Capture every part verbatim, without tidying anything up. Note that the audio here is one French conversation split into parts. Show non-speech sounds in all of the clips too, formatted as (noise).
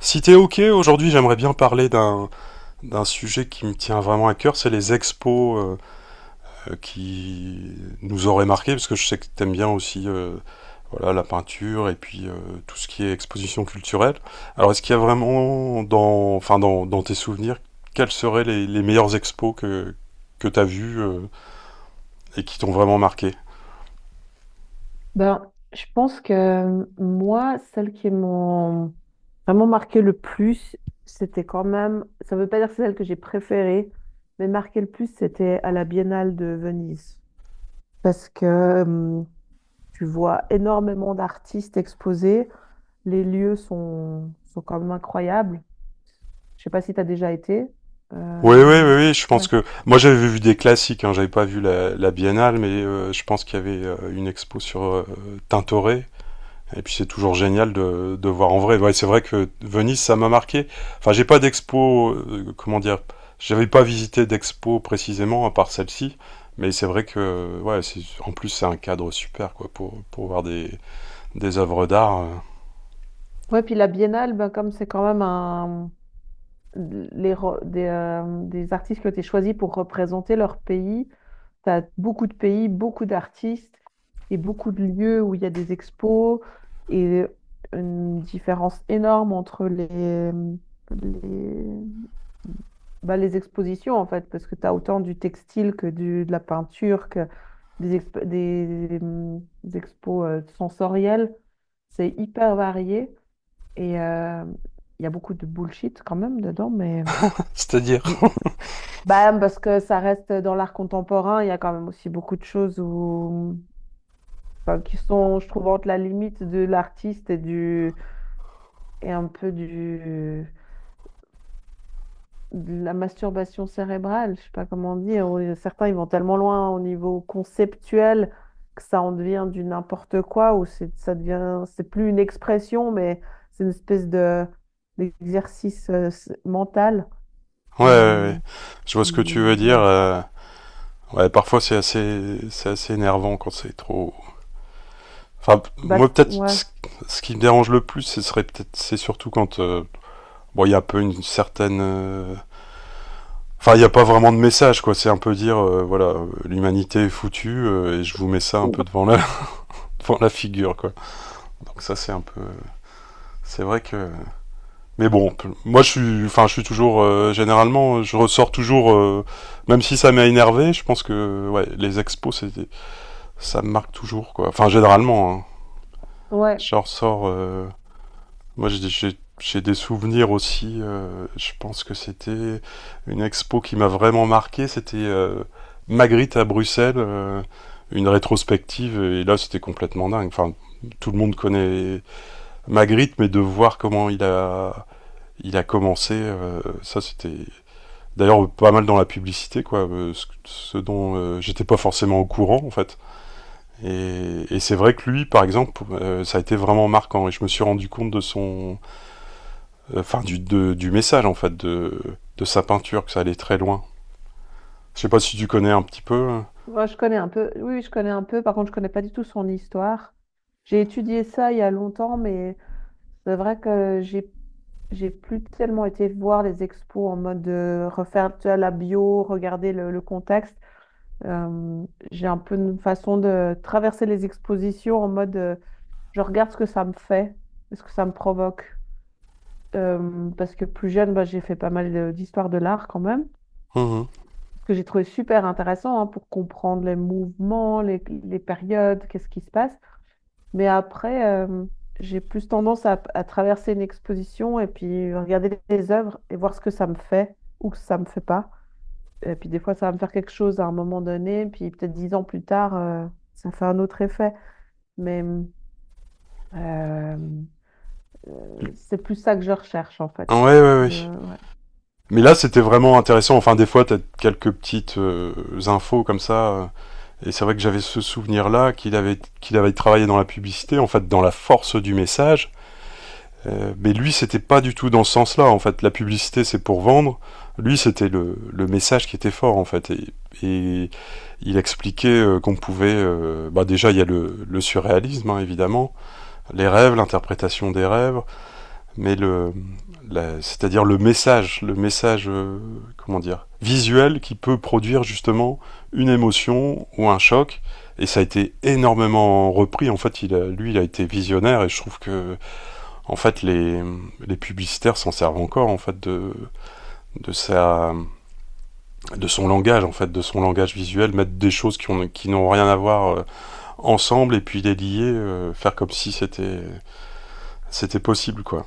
Si t'es ok, aujourd'hui j'aimerais bien parler d'un d'un sujet qui me tient vraiment à cœur, c'est les expos euh, euh, qui nous auraient marqué, parce que je sais que t'aimes bien aussi euh, voilà, la peinture et puis euh, tout ce qui est exposition culturelle. Alors est-ce qu'il y a vraiment dans, enfin, dans, dans tes souvenirs, quelles seraient les, les meilleures expos que, que t'as vues euh, et qui t'ont vraiment marqué? Ben, je pense que euh, moi, celles qui m'ont vraiment marqué le plus, c'était quand même, ça veut pas dire que c'est celle que j'ai préférée, mais marqué le plus, c'était à la Biennale de Venise. Parce que euh, tu vois énormément d'artistes exposés, les lieux sont, sont quand même incroyables. Je sais pas si tu as déjà été. Oui, oui, Euh, oui, oui, je pense Ouais. que moi j'avais vu des classiques, hein, j'avais pas vu la, la Biennale, mais euh, je pense qu'il y avait euh, une expo sur euh, Tintoret. Et puis c'est toujours génial de, de voir en vrai. Ouais, c'est vrai que Venise, ça m'a marqué. Enfin, j'ai pas d'expo, euh, comment dire, j'avais pas visité d'expo précisément à part celle-ci, mais c'est vrai que, ouais, c'est- en plus c'est un cadre super quoi pour pour voir des des œuvres d'art. Euh. Ouais, puis la Biennale, ben, comme c'est quand même un, les re- des, euh, des artistes qui ont été choisis pour représenter leur pays. Tu as beaucoup de pays, beaucoup d'artistes et beaucoup de lieux où il y a des expos et une différence énorme entre les, les, bah, les expositions en fait, parce que tu as autant du textile que du, de la peinture, que des, exp- des, hum, des expos euh, sensorielles. C'est hyper varié et euh, il y a beaucoup de bullshit quand même dedans, mais (laughs) C'est-à-dire. bah, parce que ça reste dans l'art contemporain, il y a quand même aussi beaucoup de choses où, enfin, qui sont, je trouve, entre la limite de l'artiste et du, et un peu du, de la masturbation cérébrale, je sais pas comment dire. Ou certains, ils vont tellement loin au niveau conceptuel que ça en devient du n'importe quoi, ou c'est, ça devient, c'est plus une expression, mais c'est une espèce de, d'exercice euh, s- mental. Ouais, ouais, euh, ouais, je vois ce que tu veux qui, dire. ouais. Euh. Ouais, parfois c'est assez c'est assez énervant quand c'est trop. Enfin, p- Bah, moi c- peut-être ouais. ce- ce qui me dérange le plus, ce serait peut-être c'est surtout quand euh, bon, il y a un peu une certaine euh, enfin, il n'y a pas vraiment de message, quoi. C'est un peu dire, euh, voilà, euh, l'humanité est foutue euh, et je vous mets ça un peu devant la, (laughs) devant la figure, quoi. Donc ça, c'est un peu, c'est vrai que. Mais bon, moi, je suis, enfin, je suis toujours, euh, généralement, je ressors toujours, euh, même si ça m'a énervé. Je pense que, ouais, les expos, c'est, ça me marque toujours, quoi. Enfin, généralement, hein, Ouais, je ressors. Euh, Moi, j'ai- j'ai j'ai des souvenirs aussi. Euh, je pense que c'était une expo qui m'a vraiment marqué. C'était euh, Magritte à Bruxelles, euh, une rétrospective. Et là, c'était complètement dingue. Enfin, tout le monde connaît Magritte, mais de voir comment il a il a commencé, euh, ça c'était d'ailleurs pas mal dans la publicité, quoi. euh, ce, ce, dont euh, j'étais pas forcément au courant, en fait. Et, et c'est vrai que lui, par exemple, euh, ça a été vraiment marquant. Et je me suis rendu compte de son euh, enfin du, de- du message en fait de, de sa peinture, que ça allait très loin. Je sais pas si tu connais un petit peu. moi, je connais un peu. Oui, oui, je connais un peu. Par contre, je connais pas du tout son histoire. J'ai étudié ça il y a longtemps, mais c'est vrai que j'ai j'ai plus tellement été voir les expos en mode de refaire tu vois, la bio, regarder le, le contexte. Euh, j'ai un peu une façon de traverser les expositions en mode euh, je regarde ce que ça me fait, ce que ça me provoque. Euh, parce que plus jeune, bah, j'ai fait pas mal de- d'histoire de l'art quand même. Mhm. Ce que j'ai trouvé super intéressant hein, pour comprendre les mouvements, les, les périodes, qu'est-ce qui se passe. Mais après, euh, j'ai plus tendance à, à traverser une exposition et puis regarder les œuvres et voir ce que ça me fait ou que ça me fait pas. Et puis des fois, ça va me faire quelque chose à un moment donné, puis peut-être dix ans plus tard, euh, ça fait un autre effet. Mais euh, euh, c'est plus ça que je recherche en fait. Ouais, ouais, ouais. De, Mais là, c'était vraiment intéressant. Enfin, des fois, t'as quelques petites euh, infos comme ça. Euh, Et c'est vrai que j'avais ce souvenir-là qu'il avait, qu'il avait travaillé dans la publicité, en fait, dans la force du message. Euh, mais lui, c'était pas du tout dans ce sens-là. En fait, la publicité, c'est pour vendre. Lui, c'était le, le message qui était fort, en fait. Et, et il expliquait euh, qu'on pouvait. Euh, bah déjà, il y a le, le surréalisme, hein, évidemment, les rêves, l'interprétation des rêves, mais le, la- c'est-à-dire le message, le message, euh, comment dire, visuel qui peut produire justement une émotion ou un choc. Et ça a été énormément repris. En fait, il a, lui, il a été visionnaire et je trouve que en fait, les, les publicitaires s'en servent encore en fait de, de sa de son langage en fait, de son langage visuel, mettre des choses qui ont qui n'ont rien à voir euh, ensemble et puis les lier, euh, faire comme si c'était c'était possible quoi.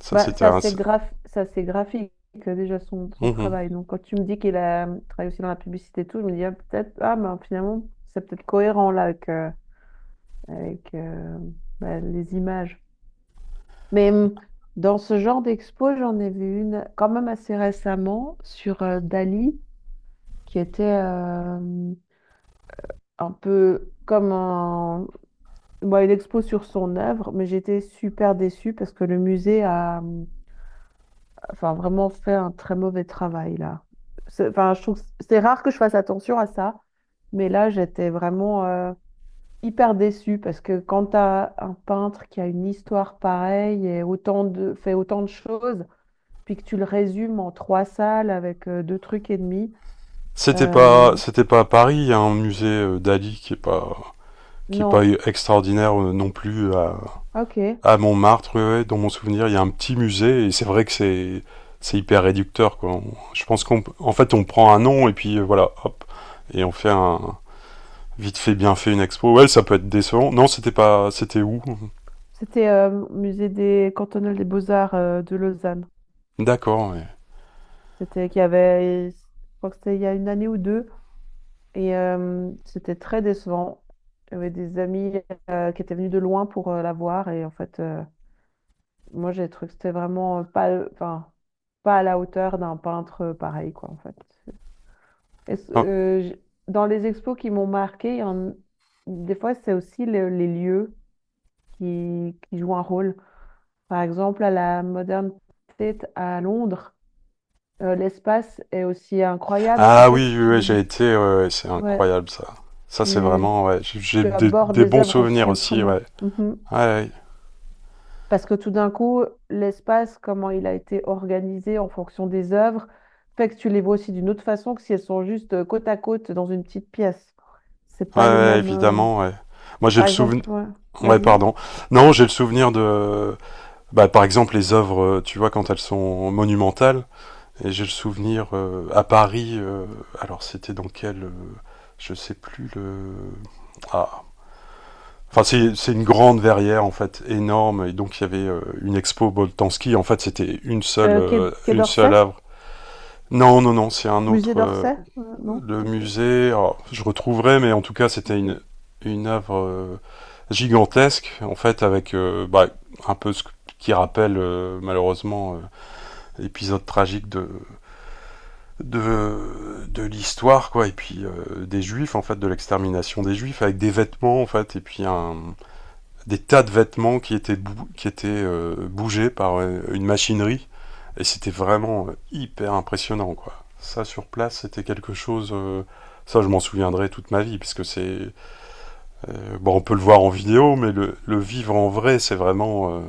Ça bah, c'était c'est un- assez c'est- graph... c'est assez graphique euh, déjà son, son Mhm. travail. Donc quand tu me dis qu'il a travaillé aussi dans la publicité et tout, je me dis ah, peut-être, ah ben finalement, c'est peut-être cohérent là avec, euh, avec euh, bah, les images. Mais hum, dans ce genre d'expo, j'en ai vu une quand même assez récemment sur euh, Dali, qui était euh, un peu comme un... bon, une expo sur son œuvre, mais j'étais super déçue parce que le musée a hum, enfin, vraiment fait un très mauvais travail là. C'est- Enfin, je trouve que c'est rare que je fasse attention à ça, mais là, j'étais vraiment euh, hyper déçue parce que quand tu as un peintre qui a une histoire pareille et autant de, fait autant de choses, puis que tu le résumes en trois salles avec euh, deux trucs et demi, c'était euh, pas C'était pas à Paris, il y a un musée euh, d'Ali qui est pas qui est pas non, extraordinaire euh, non plus à, ok. À Montmartre, ouais, ouais, dans mon souvenir, il y a un petit musée et c'est vrai que c'est c'est hyper réducteur quoi. On- je pense qu'on en fait on prend un nom et puis euh, voilà, hop et on fait un vite fait bien fait une expo. Ouais, ça peut être décevant. Non, c'était pas C'était où? C'était euh, musée des cantonal des beaux-arts euh, de Lausanne. D'accord, ouais. C'était qu'il y avait, je crois que c'était il y a une année ou deux. Et euh, c'était très décevant. J'avais des amis euh, qui étaient venus de loin pour euh, la voir. Et en fait, euh, moi, j'ai trouvé que c'était vraiment pas, enfin, pas à la hauteur d'un peintre euh, pareil, quoi, en fait. Est-ce- Oh. euh, j- dans les expos qui m'ont marqué, il y en- des fois, c'est aussi le- les lieux qui, qui jouent un rôle. Par exemple, à la Modern Tate à Londres, euh, l'espace est aussi incroyable, ce qui Ah fait que oui, oui, oui, j'ai tu, été ouais, ouais, ouais, c'est ouais, incroyable ça. Ça c'est tu, vraiment ouais, j'ai- j'ai tu des, abordes des les bons œuvres souvenirs aussi aussi, ouais. autrement. Mhm. Ouais, ouais. Parce que tout d'un coup, l'espace, comment il a été organisé en fonction des œuvres, fait que tu les vois aussi d'une autre façon que si elles sont juste euh, côte à côte dans une petite pièce. C'est Ouais, pas le ouais, même. Euh, évidemment, ouais. Moi j'ai Par le souvenir. exemple, ouais, Ouais, vas-y. pardon. Non, j'ai le souvenir de. Bah, par exemple, les œuvres, euh, tu vois, quand elles sont monumentales, et j'ai le souvenir euh, à Paris, euh, alors c'était dans quel. Euh, je sais plus le. Ah. Enfin, c'est c'est une grande verrière, en fait, énorme, et donc il y avait euh, une expo Boltanski, en fait, c'était une seule, Euh, quai, euh, quai une seule d'Orsay? œuvre. Non, non, non, c'est un Musée autre. Euh, d'Orsay? Euh, non? le Ok. musée, alors, je retrouverai, mais en tout cas, c'était une, Ok. une œuvre euh, gigantesque, en fait, avec euh, bah, un peu ce qui rappelle euh, malheureusement euh, épisode tragique de, de, de l'histoire, quoi. Et puis euh, des juifs, en fait, de l'extermination des juifs, avec des vêtements, en fait, et puis un, des tas de vêtements qui étaient, bou- qui étaient euh, bougés par euh, une machinerie. Et c'était vraiment euh, hyper impressionnant, quoi. Ça, sur place, c'était quelque chose... euh, ça, je m'en souviendrai toute ma vie, puisque c'est... Euh, bon, on peut le voir en vidéo, mais le, le vivre en vrai, c'est vraiment... Euh,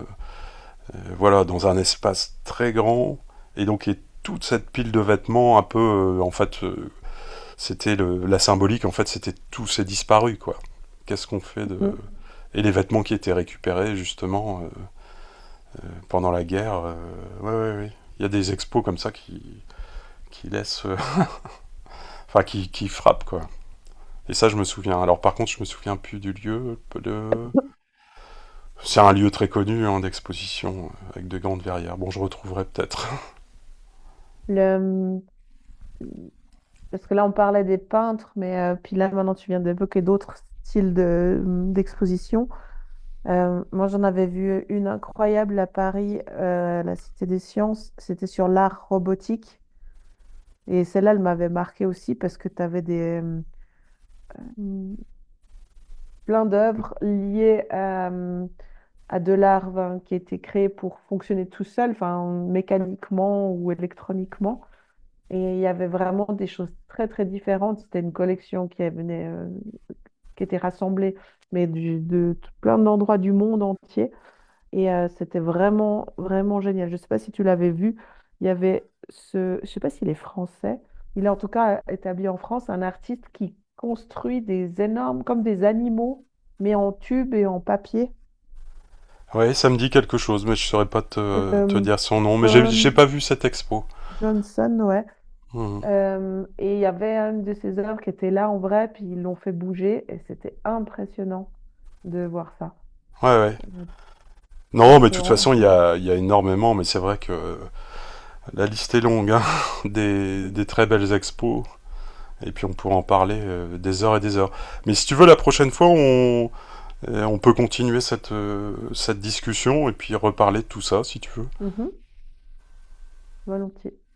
euh, voilà, dans un espace très grand. Et donc, et toute cette pile de vêtements, un peu, euh, en fait, euh, c'était la symbolique, en fait, c'était tout s'est disparu, quoi. Qu'est-ce qu'on fait de... Mhm. Et les vêtements qui étaient récupérés, justement, euh, pendant la guerre, euh, ouais, ouais, ouais. Il y a des expos comme ça qui, qui laissent... euh, (laughs) Enfin, qui, qui frappent, quoi. Et ça, je me souviens. Alors, par contre, je me souviens plus du lieu, de... C'est un lieu très connu hein, d'exposition, avec de grandes verrières. Bon, je retrouverai peut-être. Le- Parce que là, on parlait des peintres, mais euh, puis là, maintenant, tu viens d'évoquer d'autres styles de, d'exposition. Euh, moi, j'en avais vu une incroyable à Paris, euh, à la Cité des Sciences. C'était sur l'art robotique. Et celle-là, elle m'avait marquée aussi parce que tu avais des, euh, mm, plein (laughs) d'œuvres liées à, euh, à de l'art ben, qui était créé pour fonctionner tout seul, enfin, mécaniquement ou électroniquement. Et il y avait vraiment des choses très, très différentes. C'était une collection qui venait, euh, qui était rassemblée, mais du- de tout- plein d'endroits du monde entier. Et euh, c'était vraiment, vraiment génial. Je ne sais pas si tu l'avais vu. Il y avait ce, je ne sais pas s'il est français. Il est en tout cas établi en France, un artiste qui construit des énormes, comme des animaux, mais en tube et en papier. Ouais, ça me dit quelque chose, mais je saurais pas te, te Euh, dire son nom. Mais j'ai j'ai John pas vu cette expo. Johnson, ouais. Hmm. Euh, et il y avait une de ses œuvres qui était là en vrai, puis ils l'ont fait bouger, et c'était impressionnant de voir ça. Ouais, ouais. Euh, Non, Parce mais que... de toute on- façon, il y ouais. a, il y a énormément, mais c'est vrai que la liste est longue, hein, (laughs) des, des très belles expos. Et puis on pourra en parler euh, des heures et des heures. Mais si tu veux, la prochaine fois, on, euh, on peut continuer cette, euh, cette discussion et puis reparler de tout ça, si tu veux. Mhm, volontiers.